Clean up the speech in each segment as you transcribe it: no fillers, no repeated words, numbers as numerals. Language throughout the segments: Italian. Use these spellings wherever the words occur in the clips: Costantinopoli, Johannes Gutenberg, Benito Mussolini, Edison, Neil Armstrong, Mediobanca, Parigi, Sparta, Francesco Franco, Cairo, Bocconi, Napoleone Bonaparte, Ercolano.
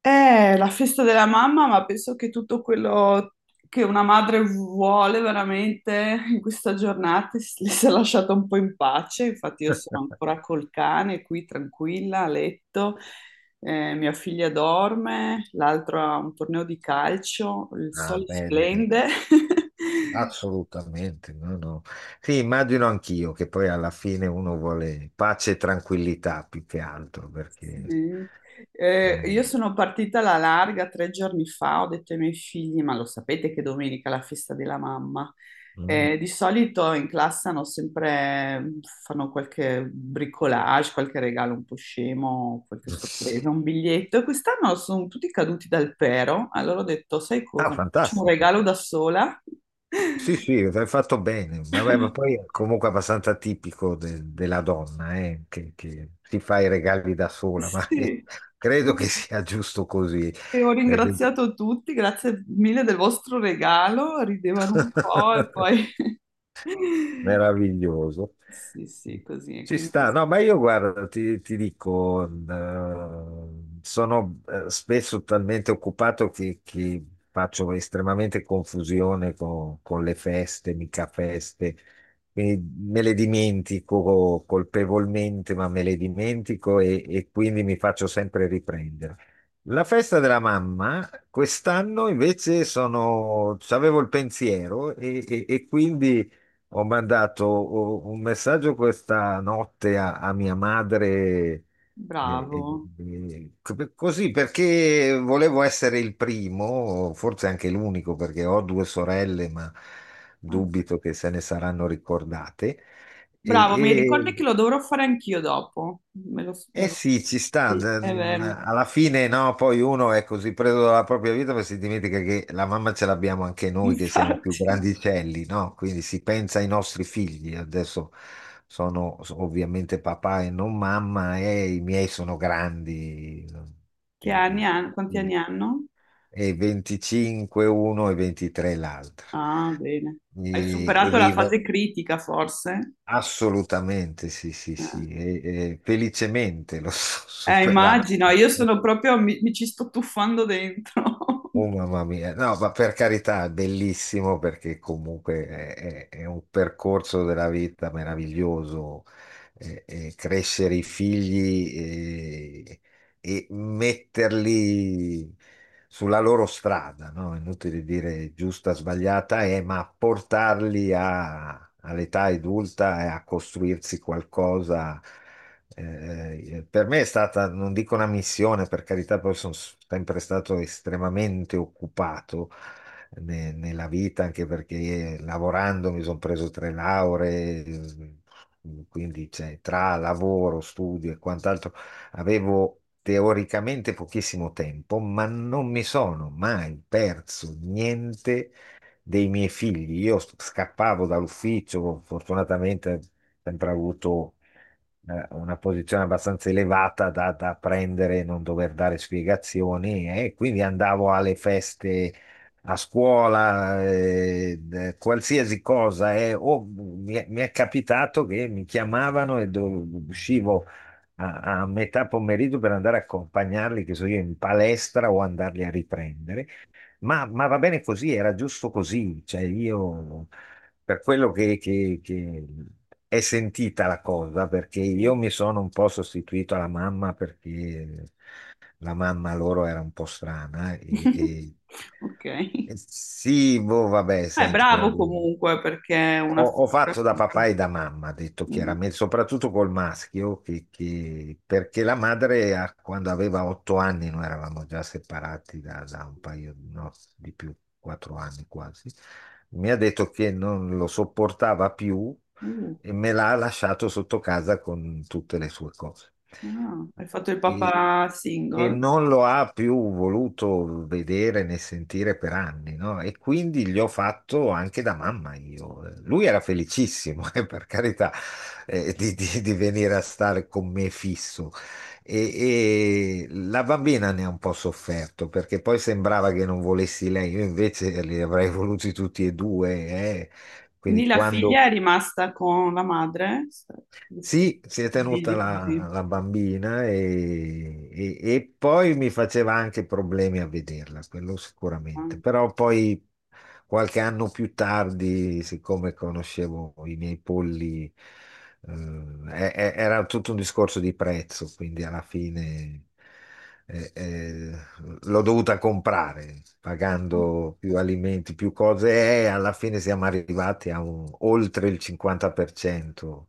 È la festa della mamma, ma penso che tutto quello che una madre vuole veramente in questa giornata le si è lasciato un po' in pace. Infatti, io sono ancora col cane qui tranquilla a letto. Mia figlia dorme, l'altro ha un torneo di calcio, il Ah, sole bene, bene. splende. Assolutamente, no, no. Sì, immagino anch'io che poi alla fine uno vuole pace e tranquillità più che altro, perché Sì. Io non- sono partita alla larga tre giorni fa, ho detto ai miei figli, ma lo sapete che domenica è la festa della mamma. mm. Di solito in classe hanno fanno qualche bricolage, qualche regalo un po' scemo, qualche sorpresa, un biglietto. E quest'anno sono tutti caduti dal pero, allora ho detto, sai Ah, cosa, mi faccio un fantastico. regalo da sola. Sì, sì, hai fatto bene. Vabbè, ma poi è comunque abbastanza tipico della donna, che si fa i regali da sola, ma Sì. credo che sia giusto così. E ho perché- ringraziato tutti, grazie mille del vostro regalo, ridevano un po' e poi... Meraviglioso. Sì, sì, così, e Ci quindi sta, no, ma io guarda, ti dico, sono spesso talmente occupato che faccio estremamente confusione con le feste, mica feste, quindi me le dimentico colpevolmente, ma me le dimentico e quindi mi faccio sempre riprendere. La festa della mamma, quest'anno invece avevo il pensiero e quindi... Ho mandato oh, un messaggio questa notte a mia madre, eh, eh, bravo. Così perché volevo essere il primo, forse anche l'unico, perché ho due sorelle, ma Ah, dubito che se ne saranno ricordate. bravo, mi E, ricordi Mm. che lo dovrò fare anch'io dopo. Eh sì, ci sta. Sì, è vero. Alla fine no, poi uno è così preso dalla propria vita perché si dimentica che la mamma ce l'abbiamo anche noi che siamo più Infatti, grandicelli, no? Quindi si pensa ai nostri figli. Adesso sono ovviamente papà e non mamma e i miei sono grandi, no? che di, anni di- hanno? Quanti anni di- hanno? e 25 uno e 23 l'altro. Ah, bene. E, Hai e superato la vivo. fase critica, forse? Assolutamente, sì, sì, sì, Eh, e felicemente l'ho superato. immagino, io sono proprio, mi ci sto tuffando dentro. Oh mamma mia, no, ma per carità, è bellissimo perché comunque è un percorso della vita meraviglioso, e crescere i figli e metterli sulla loro strada, no? Inutile dire giusta, sbagliata, ma portarli all'età adulta e a costruirsi qualcosa per me è stata, non dico una missione, per carità, poi sono sempre stato estremamente occupato nella vita, anche perché lavorando mi sono preso tre lauree, quindi cioè, tra lavoro, studio e quant'altro avevo teoricamente pochissimo tempo, ma non mi sono mai perso niente dei miei figli. Io scappavo dall'ufficio, fortunatamente sempre avuto una posizione abbastanza elevata da prendere e non dover dare spiegazioni e quindi andavo alle feste a scuola, qualsiasi cosa, o mi è capitato che mi chiamavano e uscivo a metà pomeriggio per andare a accompagnarli, che so io, in palestra o andarli a riprendere. Ma va bene così, era giusto così, cioè io per quello che è sentita la cosa, perché io Sì. mi sono un po' sostituito alla mamma perché la mamma loro era un po' strana e, e- Ok. e sì, boh, vabbè, Ah, è senti, però bravo boh. comunque perché è una Ho figura. fatto da papà e da mamma, detto Mm. chiaramente, soprattutto col maschio, perché la madre quando aveva 8 anni, noi eravamo già separati da un paio, no, di più, 4 anni quasi, mi ha detto che non lo sopportava più Uh, e me l'ha lasciato sotto casa con tutte le sue cose ah, hai fatto il e, papà e single. non lo ha più voluto vedere né sentire per anni, no? E quindi gli ho fatto anche da mamma io. Lui era felicissimo, per carità, di venire a stare con me fisso. E la bambina ne ha un po' sofferto perché poi sembrava che non volessi lei, io invece li avrei voluti tutti e due, eh. Quindi Quindi la figlia quando è rimasta con la madre? Sì, sì, sì. sì, si è tenuta Divisi la, così. la bambina e poi mi faceva anche problemi a vederla, quello Ah. sicuramente, però poi qualche anno più tardi, siccome conoscevo i miei polli, eh, era tutto un discorso di prezzo, quindi alla fine eh, eh, l'ho dovuta comprare, pagando più alimenti, più cose e alla fine siamo arrivati a oltre il 50%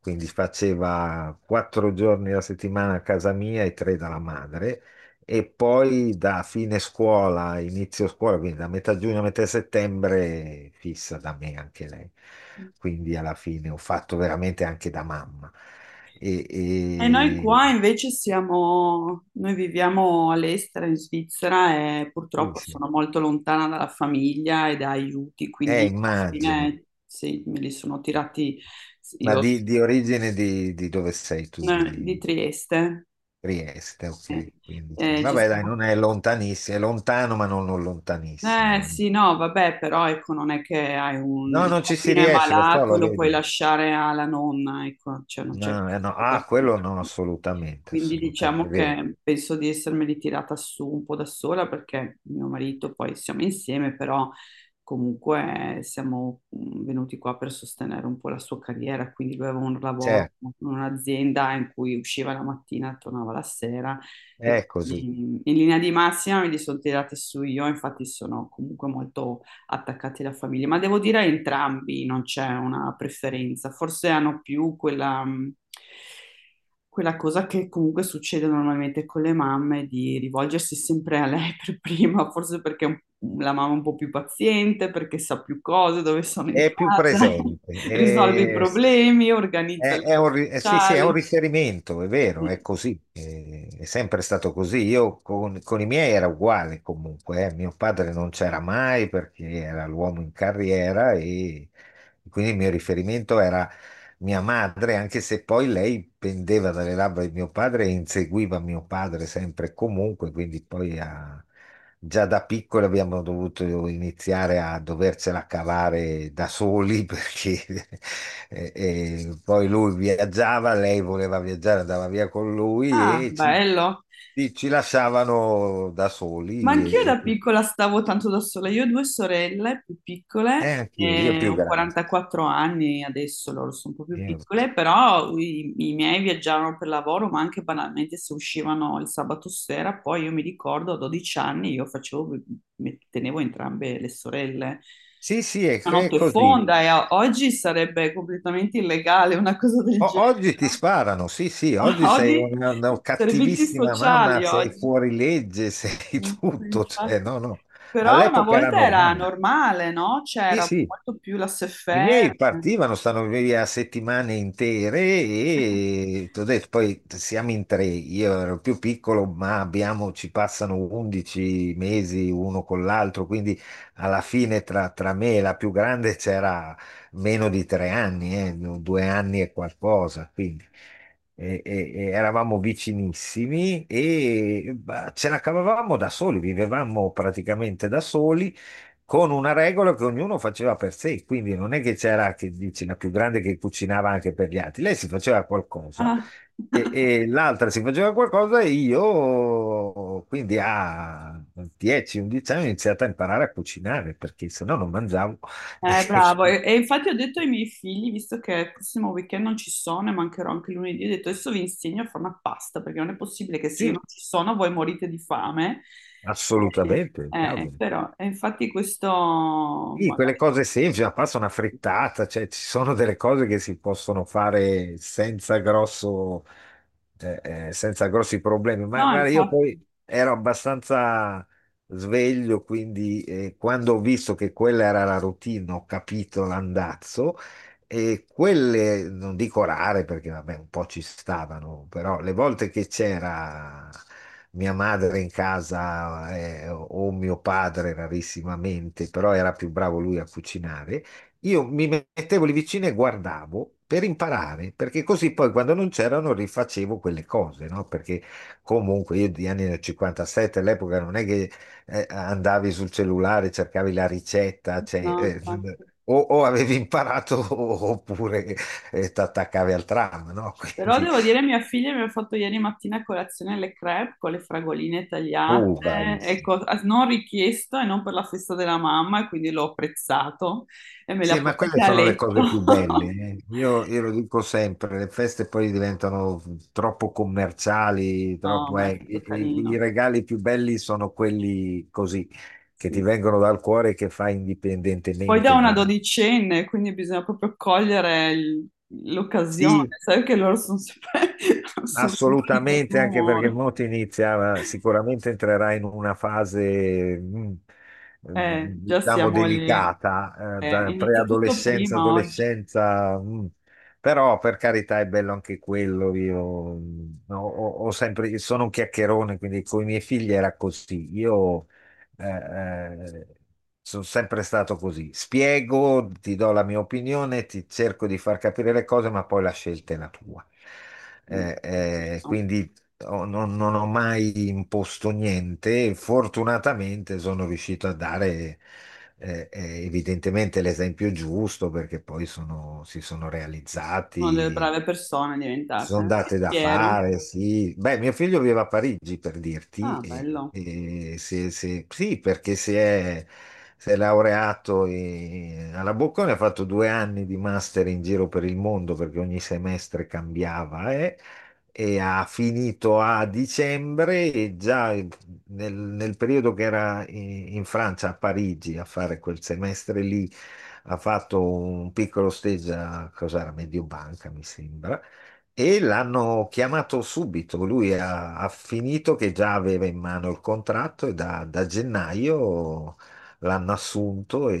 quindi faceva 4 giorni alla settimana a casa mia e tre dalla madre. E poi da fine scuola, inizio scuola, quindi da metà giugno a metà settembre, fissa da me anche lei. Quindi alla fine ho fatto veramente anche da mamma. E, E noi e- qua invece siamo, noi viviamo all'estero in Svizzera e sì, purtroppo sì. sono molto lontana dalla famiglia e da aiuti, quindi alla Immagino. fine sì, me li sono tirati Ma io, di origine di dove sei tu? Di di Trieste. Trieste, Sì. ok. Quindi sì. Eh, ci Vabbè, dai, siamo- non è lontanissimo, è lontano, ma non, non lontanissimo. sì, no, vabbè, però ecco, non è che hai un... No, Il non ci si bambino è riesce, lo so, malato, lo lo puoi vedo. lasciare alla nonna, ecco, cioè non c'è No, questa no. cosa Ah, qui. quello no, assolutamente, Quindi assolutamente, è diciamo vero. che penso di essermeli tirata su un po' da sola perché mio marito poi siamo insieme, però comunque siamo venuti qua per sostenere un po' la sua carriera, quindi lui aveva un Cioè, lavoro in un'azienda in cui usciva la mattina e tornava la sera. E è così, quindi in linea di massima me li sono tirati su io, infatti sono comunque molto attaccati alla famiglia, ma devo dire entrambi non c'è una preferenza, forse hanno più quella cosa che comunque succede normalmente con le mamme di rivolgersi sempre a lei per prima, forse perché la mamma è un po' più paziente, perché sa più cose, dove sono in è più casa, presente, risolve i problemi, organizza È, le cose sì, sì, è un sociali. riferimento, è vero, è così, è, sempre stato così. Io con i miei era uguale comunque, eh. Mio padre non c'era mai perché era l'uomo in carriera e quindi il mio riferimento era mia madre, anche se poi lei pendeva dalle labbra di mio padre e inseguiva mio padre sempre e comunque, quindi poi ha, già da piccoli abbiamo dovuto iniziare a dovercela cavare da soli perché poi lui viaggiava, lei voleva viaggiare, andava via con lui Ah, e ci, bello. ci- ci lasciavano da Ma soli. anch'io da piccola stavo tanto da sola. Io ho due sorelle più piccole, Anch'io, io e più ho grande. 44 anni adesso, loro sono un po' più Io- piccole, però i miei viaggiavano per lavoro, ma anche banalmente se uscivano il sabato sera, poi io mi ricordo a 12 anni io tenevo entrambe le sorelle. Sì, sì, è, Una è notte così. fonda e oggi sarebbe completamente illegale una cosa del genere, Oggi ti sparano, sì, no? sì, oggi sei Oggi una servizi cattivissima mamma, sociali, sei oggi. fuori legge, sei Sì, sì, tutto, cioè, infatti. no, no. Però una All'epoca era volta era normale. normale, no? Sì, C'era sì. molto più la I miei SFR. partivano, stanno via settimane intere e t'ho detto, poi siamo in tre, io ero più piccolo, ma ci passano 11 mesi uno con l'altro, quindi alla fine tra me e la più grande c'era meno di 3 anni, no, 2 anni e qualcosa, quindi e eravamo vicinissimi e bah, ce la cavavamo da soli, vivevamo praticamente da soli con una regola che ognuno faceva per sé, quindi non è che c'era, che dici, la più grande che cucinava anche per gli altri, lei si faceva qualcosa Ah. e, e l'altra si faceva qualcosa e io, quindi a 10-11 anni ho iniziato a imparare a cucinare perché se no non mangiavo. E- S- bravo. E infatti ho detto ai miei figli, visto che il prossimo weekend non ci sono e mancherò anche lunedì, ho detto adesso vi insegno a fare una pasta, perché non è possibile che se io non Sì, ci sono voi morite di fame. assolutamente, cavolo. Però, e infatti questo Sì, quelle magari... cose semplici, ma passa una frittata, cioè ci sono delle cose che si possono fare senza grosso, eh, senza grossi problemi. Ma No, guarda, io infatti, poi ero abbastanza sveglio, quindi quando ho visto che quella era la routine, ho capito l'andazzo e quelle, non dico rare perché vabbè, un po' ci stavano, però le volte che c'era mia madre in casa o mio padre rarissimamente, però era più bravo lui a cucinare, io mi mettevo lì vicino e guardavo per imparare, perché così poi quando non c'erano rifacevo quelle cose, no? Perché comunque io di anni del '57 all'epoca non è che andavi sul cellulare, cercavi la ricetta, cioè, no, infatti. O avevi imparato oppure ti attaccavi al tram, no? Però Quindi, devo dire, mia figlia mi ha fatto ieri mattina a colazione le crepe con le fragoline tagliate, oh, bravissimo. ecco, non richiesto e non per la festa della mamma, e quindi l'ho apprezzato e me le Sì, ha ma quelle portate a sono le letto. cose più belle. Eh. Io lo dico sempre, le feste poi diventano troppo commerciali, No, troppo, ma è stato i, i- carino. i regali più belli sono quelli così, che ti Sì. vengono dal cuore e che fai Poi da indipendentemente una da... dodicenne, quindi bisogna proprio cogliere l'occasione, Sì, sai che loro sono sempre, sono sempre di assolutamente, cattivo anche perché umore. Monti inizia, sicuramente entrerà in una fase, mm, Già diciamo, siamo lì, delicata, eh, da inizia tutto preadolescenza, prima oggi. adolescenza, Però per carità è bello anche quello. Io ho sempre, sono un chiacchierone, quindi con i miei figli era così. Io eh, eh, sono sempre stato così. Spiego, ti do la mia opinione, ti cerco di far capire le cose, ma poi la scelta è la tua. Giusto. Quindi non ho mai imposto niente. E fortunatamente sono riuscito a dare evidentemente l'esempio giusto perché poi si sono Una delle realizzati brave persone sono diventate. Sì, date da fiero. fare, sì. Beh, mio figlio vive a Parigi per dirti, Ah, e, bello. e sì, perché si è laureato alla Bocconi, ha fatto due anni di master in giro per il mondo perché ogni semestre cambiava, e ha finito a dicembre e già nel periodo che era in Francia, a Parigi, a fare quel semestre lì ha fatto un piccolo stage a cos'era, Mediobanca, mi sembra, e l'hanno chiamato subito, ha finito che già aveva in mano il contratto e da gennaio l'hanno assunto e